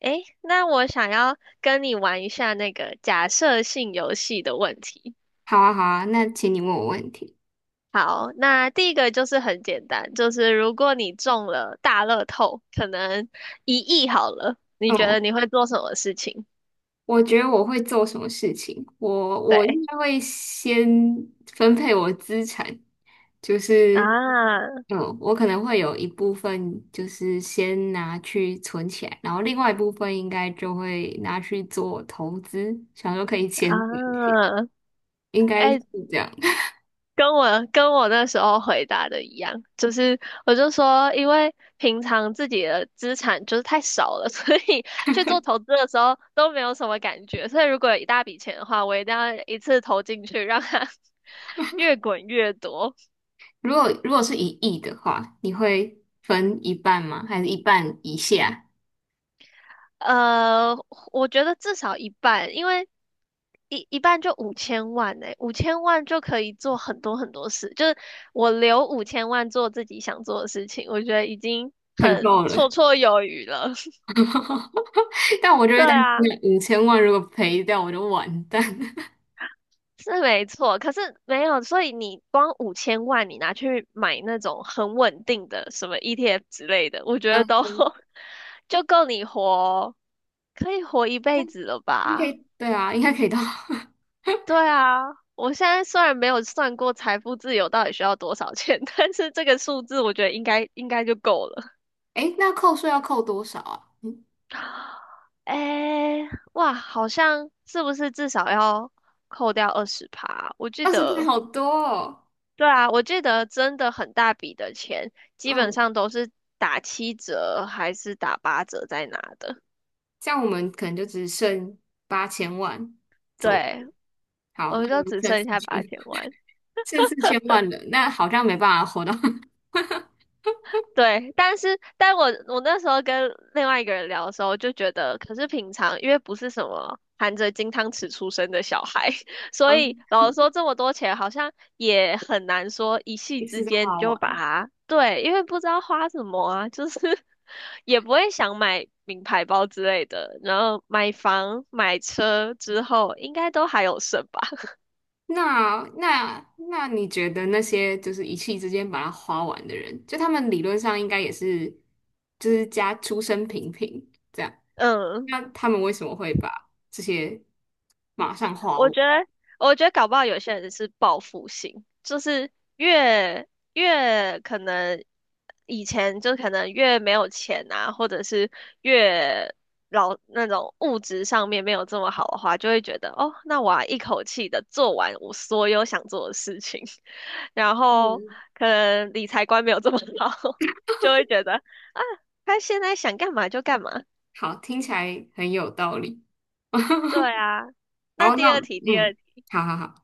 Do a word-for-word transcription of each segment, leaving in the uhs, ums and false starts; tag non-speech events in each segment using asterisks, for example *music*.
诶，那我想要跟你玩一下那个假设性游戏的问题。好啊，好啊，那请你问我问题。好，那第一个就是很简单，就是如果你中了大乐透，可能一亿好了，你觉哦，得你会做什么事情？我觉得我会做什么事情？我我对应该会先分配我资产，就是，啊嗯，我可能会有一部分就是先拿去存起来，然后另外一部分应该就会拿去做投资，想说可以钱滚钱，啊，应该是哎，这样。*laughs* 跟我跟我那时候回答的一样，就是我就说，因为平常自己的资产就是太少了，*laughs* 所以去做投资的时候都没有什么感觉。所以如果有一大笔钱的话，我一定要一次投进去，让它 *laughs* 越滚越多。如果如果是一亿的话，你会分一半吗？还是一半以下？呃，我觉得至少一半，因为一一半就五千万呢、五千万就可以做很多很多事。就是我留五千万做自己想做的事情，我觉得已经很很够了。绰绰有余了。*laughs* 但我就对会担心啊，五千万如果赔掉我就完蛋。*laughs* 是没错，可是没有，所以你光五千万，你拿去买那种很稳定的什么 E T F 之类的，我觉嗯，得都 *laughs* 就够你活，可以活一辈子了应该吧？可以，对啊，应该可以到。*laughs* 对啊，我现在虽然没有算过财富自由到底需要多少钱，*laughs* 但是这个数字我觉得应该应该就够了。哎那扣税要扣多少啊？嗯，诶，哇，好像是不是至少要扣掉二十趴？我记二十倍得好多哦。对啊，我记得真的很大笔的钱，基本嗯，上都是打七折还是打八折在拿的。这样我们可能就只剩八千万左对，右。好，我那们我就们只剩剩四下八千，千万。剩四千万了，那好像没办法活到，*laughs* 对，但是但我我那时候跟另外一个人聊的时候，就觉得，可是平常因为不是什么含着金汤匙出生的小孩，*laughs* 所以嗯，老实说这么多钱好像也很难说一夕一之次就间你花就完。把它，对，因为不知道花什么啊，就是 *laughs* 也不会想买名牌包之类的，然后买房买车之后应该都还有剩吧，那那那你觉得那些就是一气之间把它花完的人，就他们理论上应该也是，就是家出身平平这样，*laughs* 嗯。那他们为什么会把这些马上花我完？觉得，我觉得搞不好有些人是报复性，就是越越可能以前就可能越没有钱啊，或者是越老那种物质上面没有这么好的话，就会觉得哦，那我要一口气的做完我所有想做的事情，*laughs* 然后嗯，可能理财观没有这么好，*laughs* 就会觉得他现在想干嘛就干嘛。好，听起来很有道理。对 *laughs* 啊，然那后第那二题，第二嗯，题。好好好。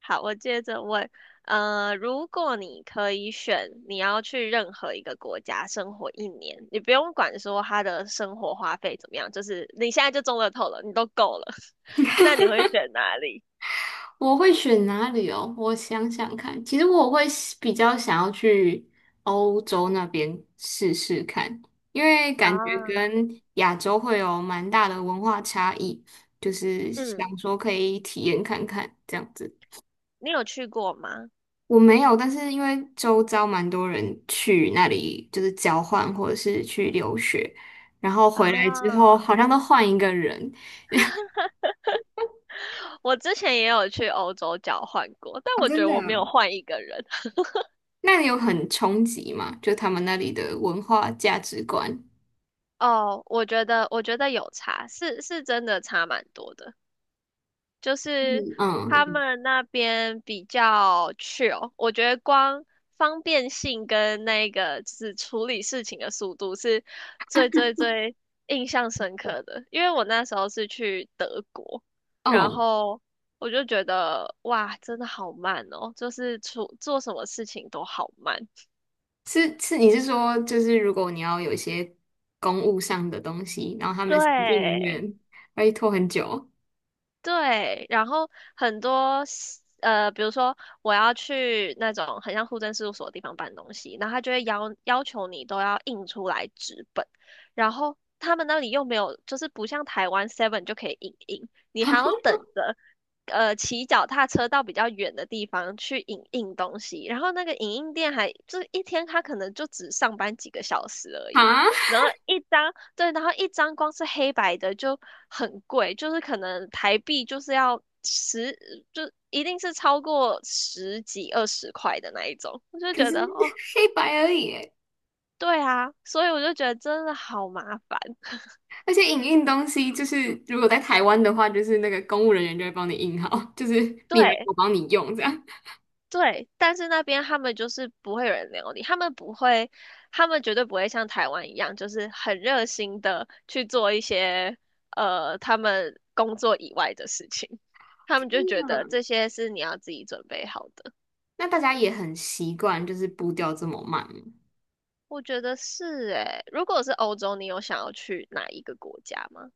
好，我接着问，呃，如果你可以选，你要去任何一个国家生活一年，你不用管说他的生活花费怎么样，就是你现在就中乐透了，你都够了，*laughs* 那你会选哪里我会选哪里哦？我想想看，其实我会喜比较想要去欧洲那边试试看，因为感觉啊？跟亚洲会有蛮大的文化差异，就是想嗯，说可以体验看看这样子。你有去过吗？我没有，但是因为周遭蛮多人去那里就是交换或者是去留学，然后回来之后啊，好像都换一个人。*laughs* 我之前也有去欧洲交换过，但哦，我觉真得的我没有啊换一个人。*laughs* 那里有很冲击吗？就他们那里的文化价值观。哦，我觉得，我觉得有差，是是真的差蛮多的。就是嗯他嗯，们那边比较 chill,我觉得光方便性跟那个就是处理事情的速度是最最最印象深刻的。因为我那时候是去德国，然嗯后我就觉得哇，真的好慢哦，就是处做什么事情都好慢。是是，你是说就是如果你要有一些公务上的东西，然后他们的行政人对，员会拖很久对，然后很多 s- 呃，比如说我要去那种很像户政事务所的地方办东西，然后他就会要要求你都要印出来纸本，然后他们那里又没有，就是不像台湾 Seven 就可以印印，你还要等着呃骑脚踏车到比较远的地方去影印东西，然后那个影印店还就是一天他可能就只上班几个小时而啊？已，然后一张。对，然后一张光是黑白的就很贵，就是可能台币就是要十，就一定是超过十几二十块的那一种。我就可觉是 得哦，*laughs* 黑白而已耶对啊，所以我就觉得真的好麻烦。*laughs* 而且影印东西就是如果在台湾的话，就是那个公务人员就会帮你印好，就是你来对我帮你用这样。对，但是那边他们就是不会有人聊你，他们不会，他们绝对不会像台湾一样，就是很热心的去做一些呃他们工作以外的事情。他们就觉得嗯，这些是你要自己准备好的。那大家也很习惯就是步调这么慢吗我觉得是诶，如果是欧洲，你有想要去哪一个国家吗？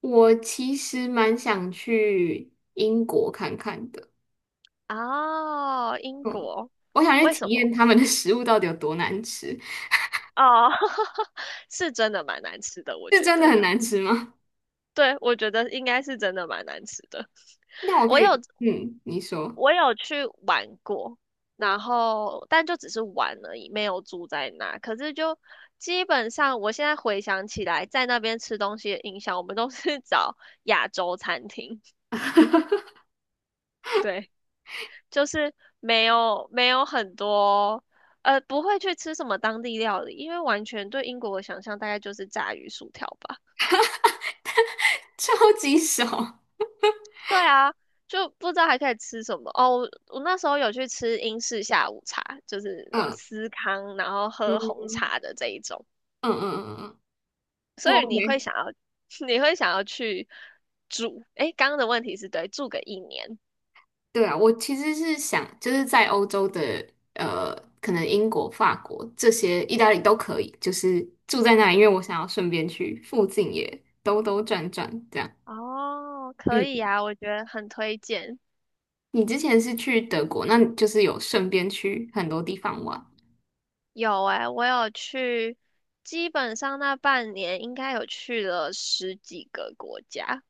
我其实蛮想去英国看看的，哦，英嗯，国，我想去为体什验么？他们的食物到底有多难吃。哦，*laughs* 是真的蛮难吃的，我是觉真的得。很难吃吗？对，我觉得应该是真的蛮难吃的。*laughs* 那我可我有以，嗯，你说，我有去玩过，然后但就只是玩而已，没有住在那。可是就基本上，我现在回想起来，在那边吃东西的印象，我们都是 *laughs* 找亚洲餐厅。对。就是没有没有很多，呃，不会去吃什么当地料理，因为完全对英国的想象大概就是炸鱼薯条吧。超级少，对啊，就不知道还可以吃什么哦。我我那时候有去吃英式下午茶，就是啊嗯司康，然后喝嗯红茶的这一种，嗯嗯嗯，嗯嗯不 所以你会 OK。想要 *laughs* 你会想要去住，诶，刚刚的问题是对，住个一年。对啊，我其实是想，就是在欧洲的，呃，可能英国、法国这些，意大利都可以，就是住在那里，因为我想要顺便去附近也兜兜转转这样。哦，可以嗯，啊，我觉得很推荐。你之前是去德国，那你就是有顺便去很多地方玩。有诶，我有去，基本上那半年应该有去了十几个国家，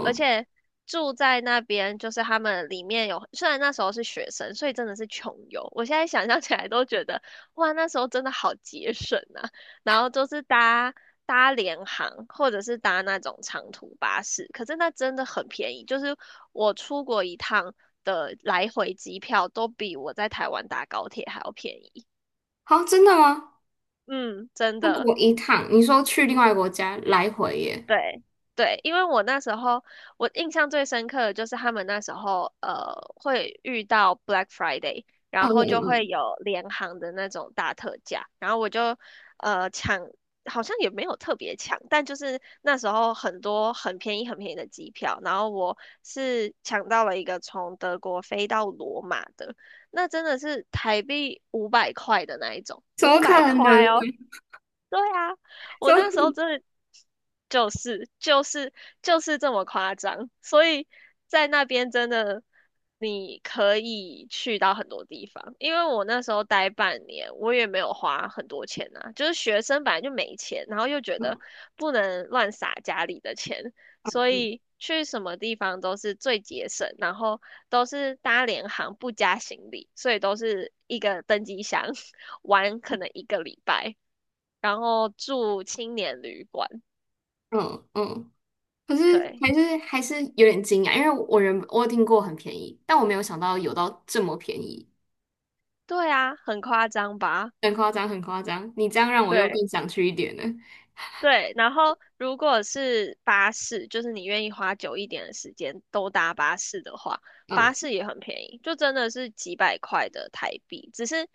而且住在那边，就是他们里面有，虽然那时候是学生，所以真的是穷游。我现在想象起来都觉得，哇，那时候真的好节省啊。然后都是搭搭联航，或者是搭那种长途巴士，可是那真的很便宜，就是我出国一趟的来回机票都比我在台湾搭高铁还要便宜。好，真的吗？嗯，真出的，国一趟，你说去另外一个国家来回耶？对对，因为我那时候我印象最深刻的就是他们那时候呃会遇到 Black Friday,嗯然后嗯就会嗯有联行的那种大特价，然后我就呃抢，好像也没有特别抢，但就是那时候很多很便宜很便宜的机票，然后我是抢到了一个从德国飞到罗马的，那真的是台币五百块的那一种，怎么五百可能？块哦。对啊，怎我么那时候可真的就是就是就是这么夸张，所以在那边真的你可以去到很多地方。因为我那时候待半年，我也没有花很多钱啊，就是学生本来就没钱，然后又觉得嗯不能乱撒家里的钱，所以去什么地方都是最节省，然后都是搭联航不加行李，所以都是一个登机箱 *laughs* 玩可能一个礼拜。然后住青年旅馆。嗯嗯，可是对，还是还是有点惊讶，因为我人我有听过很便宜，但我没有想到有到这么便宜，对啊，很夸张吧？很夸张，很夸张。你这样让我又对更想去一点了。对，然后如果是巴士，就是你愿意花久一点的时间都搭巴士的话，巴嗯士也很便宜，就真的是几百块的台币，只是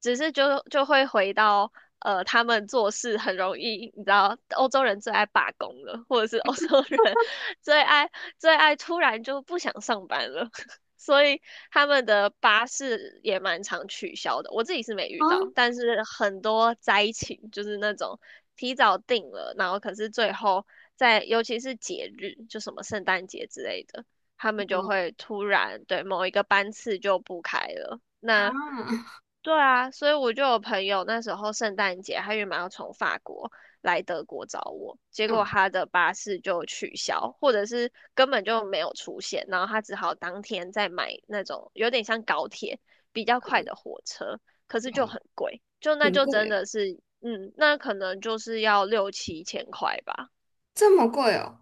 只是就就会回到呃，他们做事很容易，你知道，欧洲人最爱罢工了，或者是欧洲人 *laughs* 最爱最爱突然就不想上班了，*laughs* 所以他们的巴士也蛮常取消的，我自己是没遇到，啊但是很多灾情就是那种提早定了，然后可是最后在尤其是节日，就什么圣诞节之类的，他们就嗯会突然对某一个班次就不开了。那啊对啊，所以我就有朋友那时候圣诞节，他原本要从法国来德国找我，结果嗯他的巴士就取消，或者是根本就没有出现，然后他只好当天再买那种有点像高铁比较快的火车，可是就嗯，很贵，就那很就真贵，的是，嗯，那可能就是要六七千块吧，这么贵哦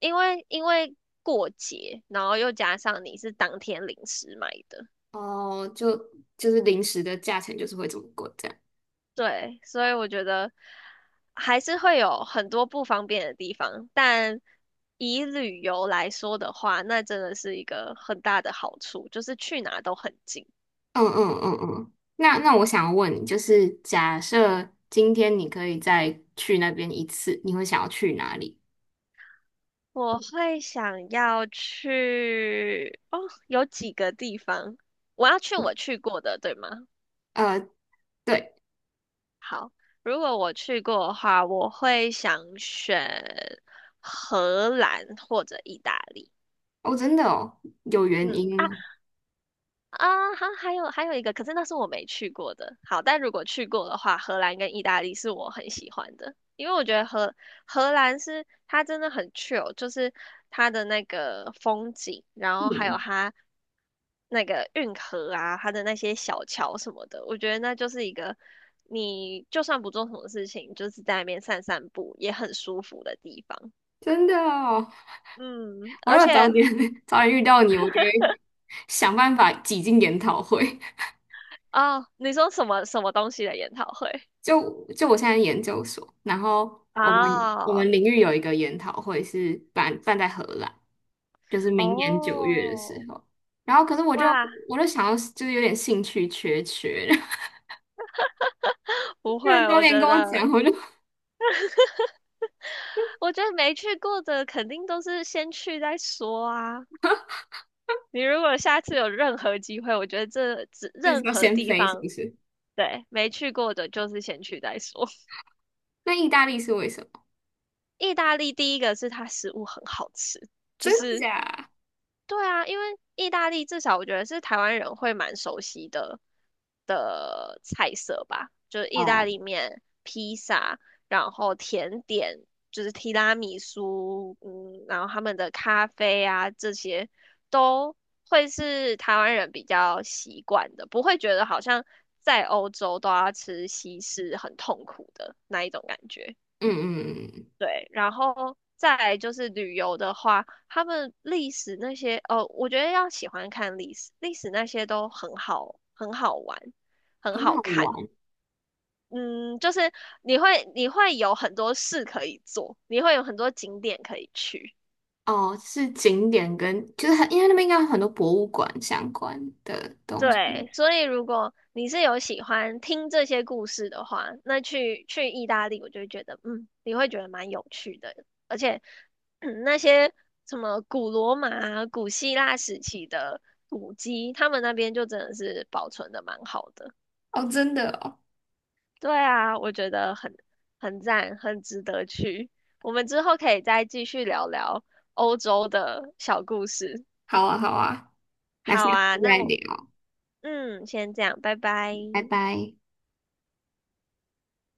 因为因为过节，然后又加上你是当天临时买的。哦，就就是零食的价钱就是会这么贵这样。对，所以我觉得还是会有很多不方便的地方，但以旅游来说的话，那真的是一个很大的好处，就是去哪都很近。嗯嗯嗯嗯，那那我想要问你，就是假设今天你可以再去那边一次，你会想要去哪里？我会想要去，哦，有几个地方，我要去我去过的，对吗？呃，对，好，如果我去过的话，我会想选荷兰或者意大利。哦，真的哦，有原嗯，因啊，吗？啊，还还有还有一个，可是那是我没去过的。好，但如果去过的话，荷兰跟意大利是我很喜欢的，因为我觉得荷荷兰是它真的很 chill,就是它的那个风景，然后还有嗯，它那个运河啊，它的那些小桥什么的，我觉得那就是一个你就算不做什么事情，就是在那边散散步也很舒服的地方。真的哦，嗯，我如而果早且点 *laughs* 早点遇到你，我就会想办法挤进研讨会。*laughs* 哦，你说什么什么东西的研讨会？*laughs* 就就我现在研究所，然后我们我哦们领域有一个研讨会是办办在荷兰，就是明年九月的时哦，候。然后可是我就哇，我就想要就是有点兴趣缺缺，*laughs* *laughs* 不会，就是早我点觉跟我得，讲，我就我觉得没去过的肯定都是先去再说啊。你如果下次有任何机会，我觉得这只就是任要何先地飞，是不方，是？对，没去过的就是先去再说。*laughs* 那意大利是为什么？意大利第一个是它食物很好吃，就真是假？对啊，因为意大利至少我觉得是台湾人会蛮熟悉的的菜色吧，就是意大哦，利面、披萨，然后甜点就是提拉米苏，嗯，然后他们的咖啡啊这些都会是台湾人比较习惯的，不会觉得好像在欧洲都要吃西式很痛苦的那一种感觉。嗯嗯，嗯对，然后再来就是旅游的话，他们历史那些，哦，我觉得要喜欢看历史，历史那些都很好，很好玩，很很好好看。玩。嗯，就是你会你会有很多事可以做，你会有很多景点可以去。哦，是景点跟就是很，因为那边应该有很多博物馆相关的东西。对，所以如果你是有喜欢听这些故事的话，那去去意大利，我就会觉得，嗯，你会觉得蛮有趣的，而且，嗯那些什么古罗马啊古希腊时期的古迹，他们那边就真的是保存的蛮好的。哦，真的哦，对啊，我觉得很很赞，很值得去。我们之后可以再继续聊聊欧洲的小故事。好啊，好啊，那好下次啊，那再我，聊，嗯，先这样，拜拜。拜拜。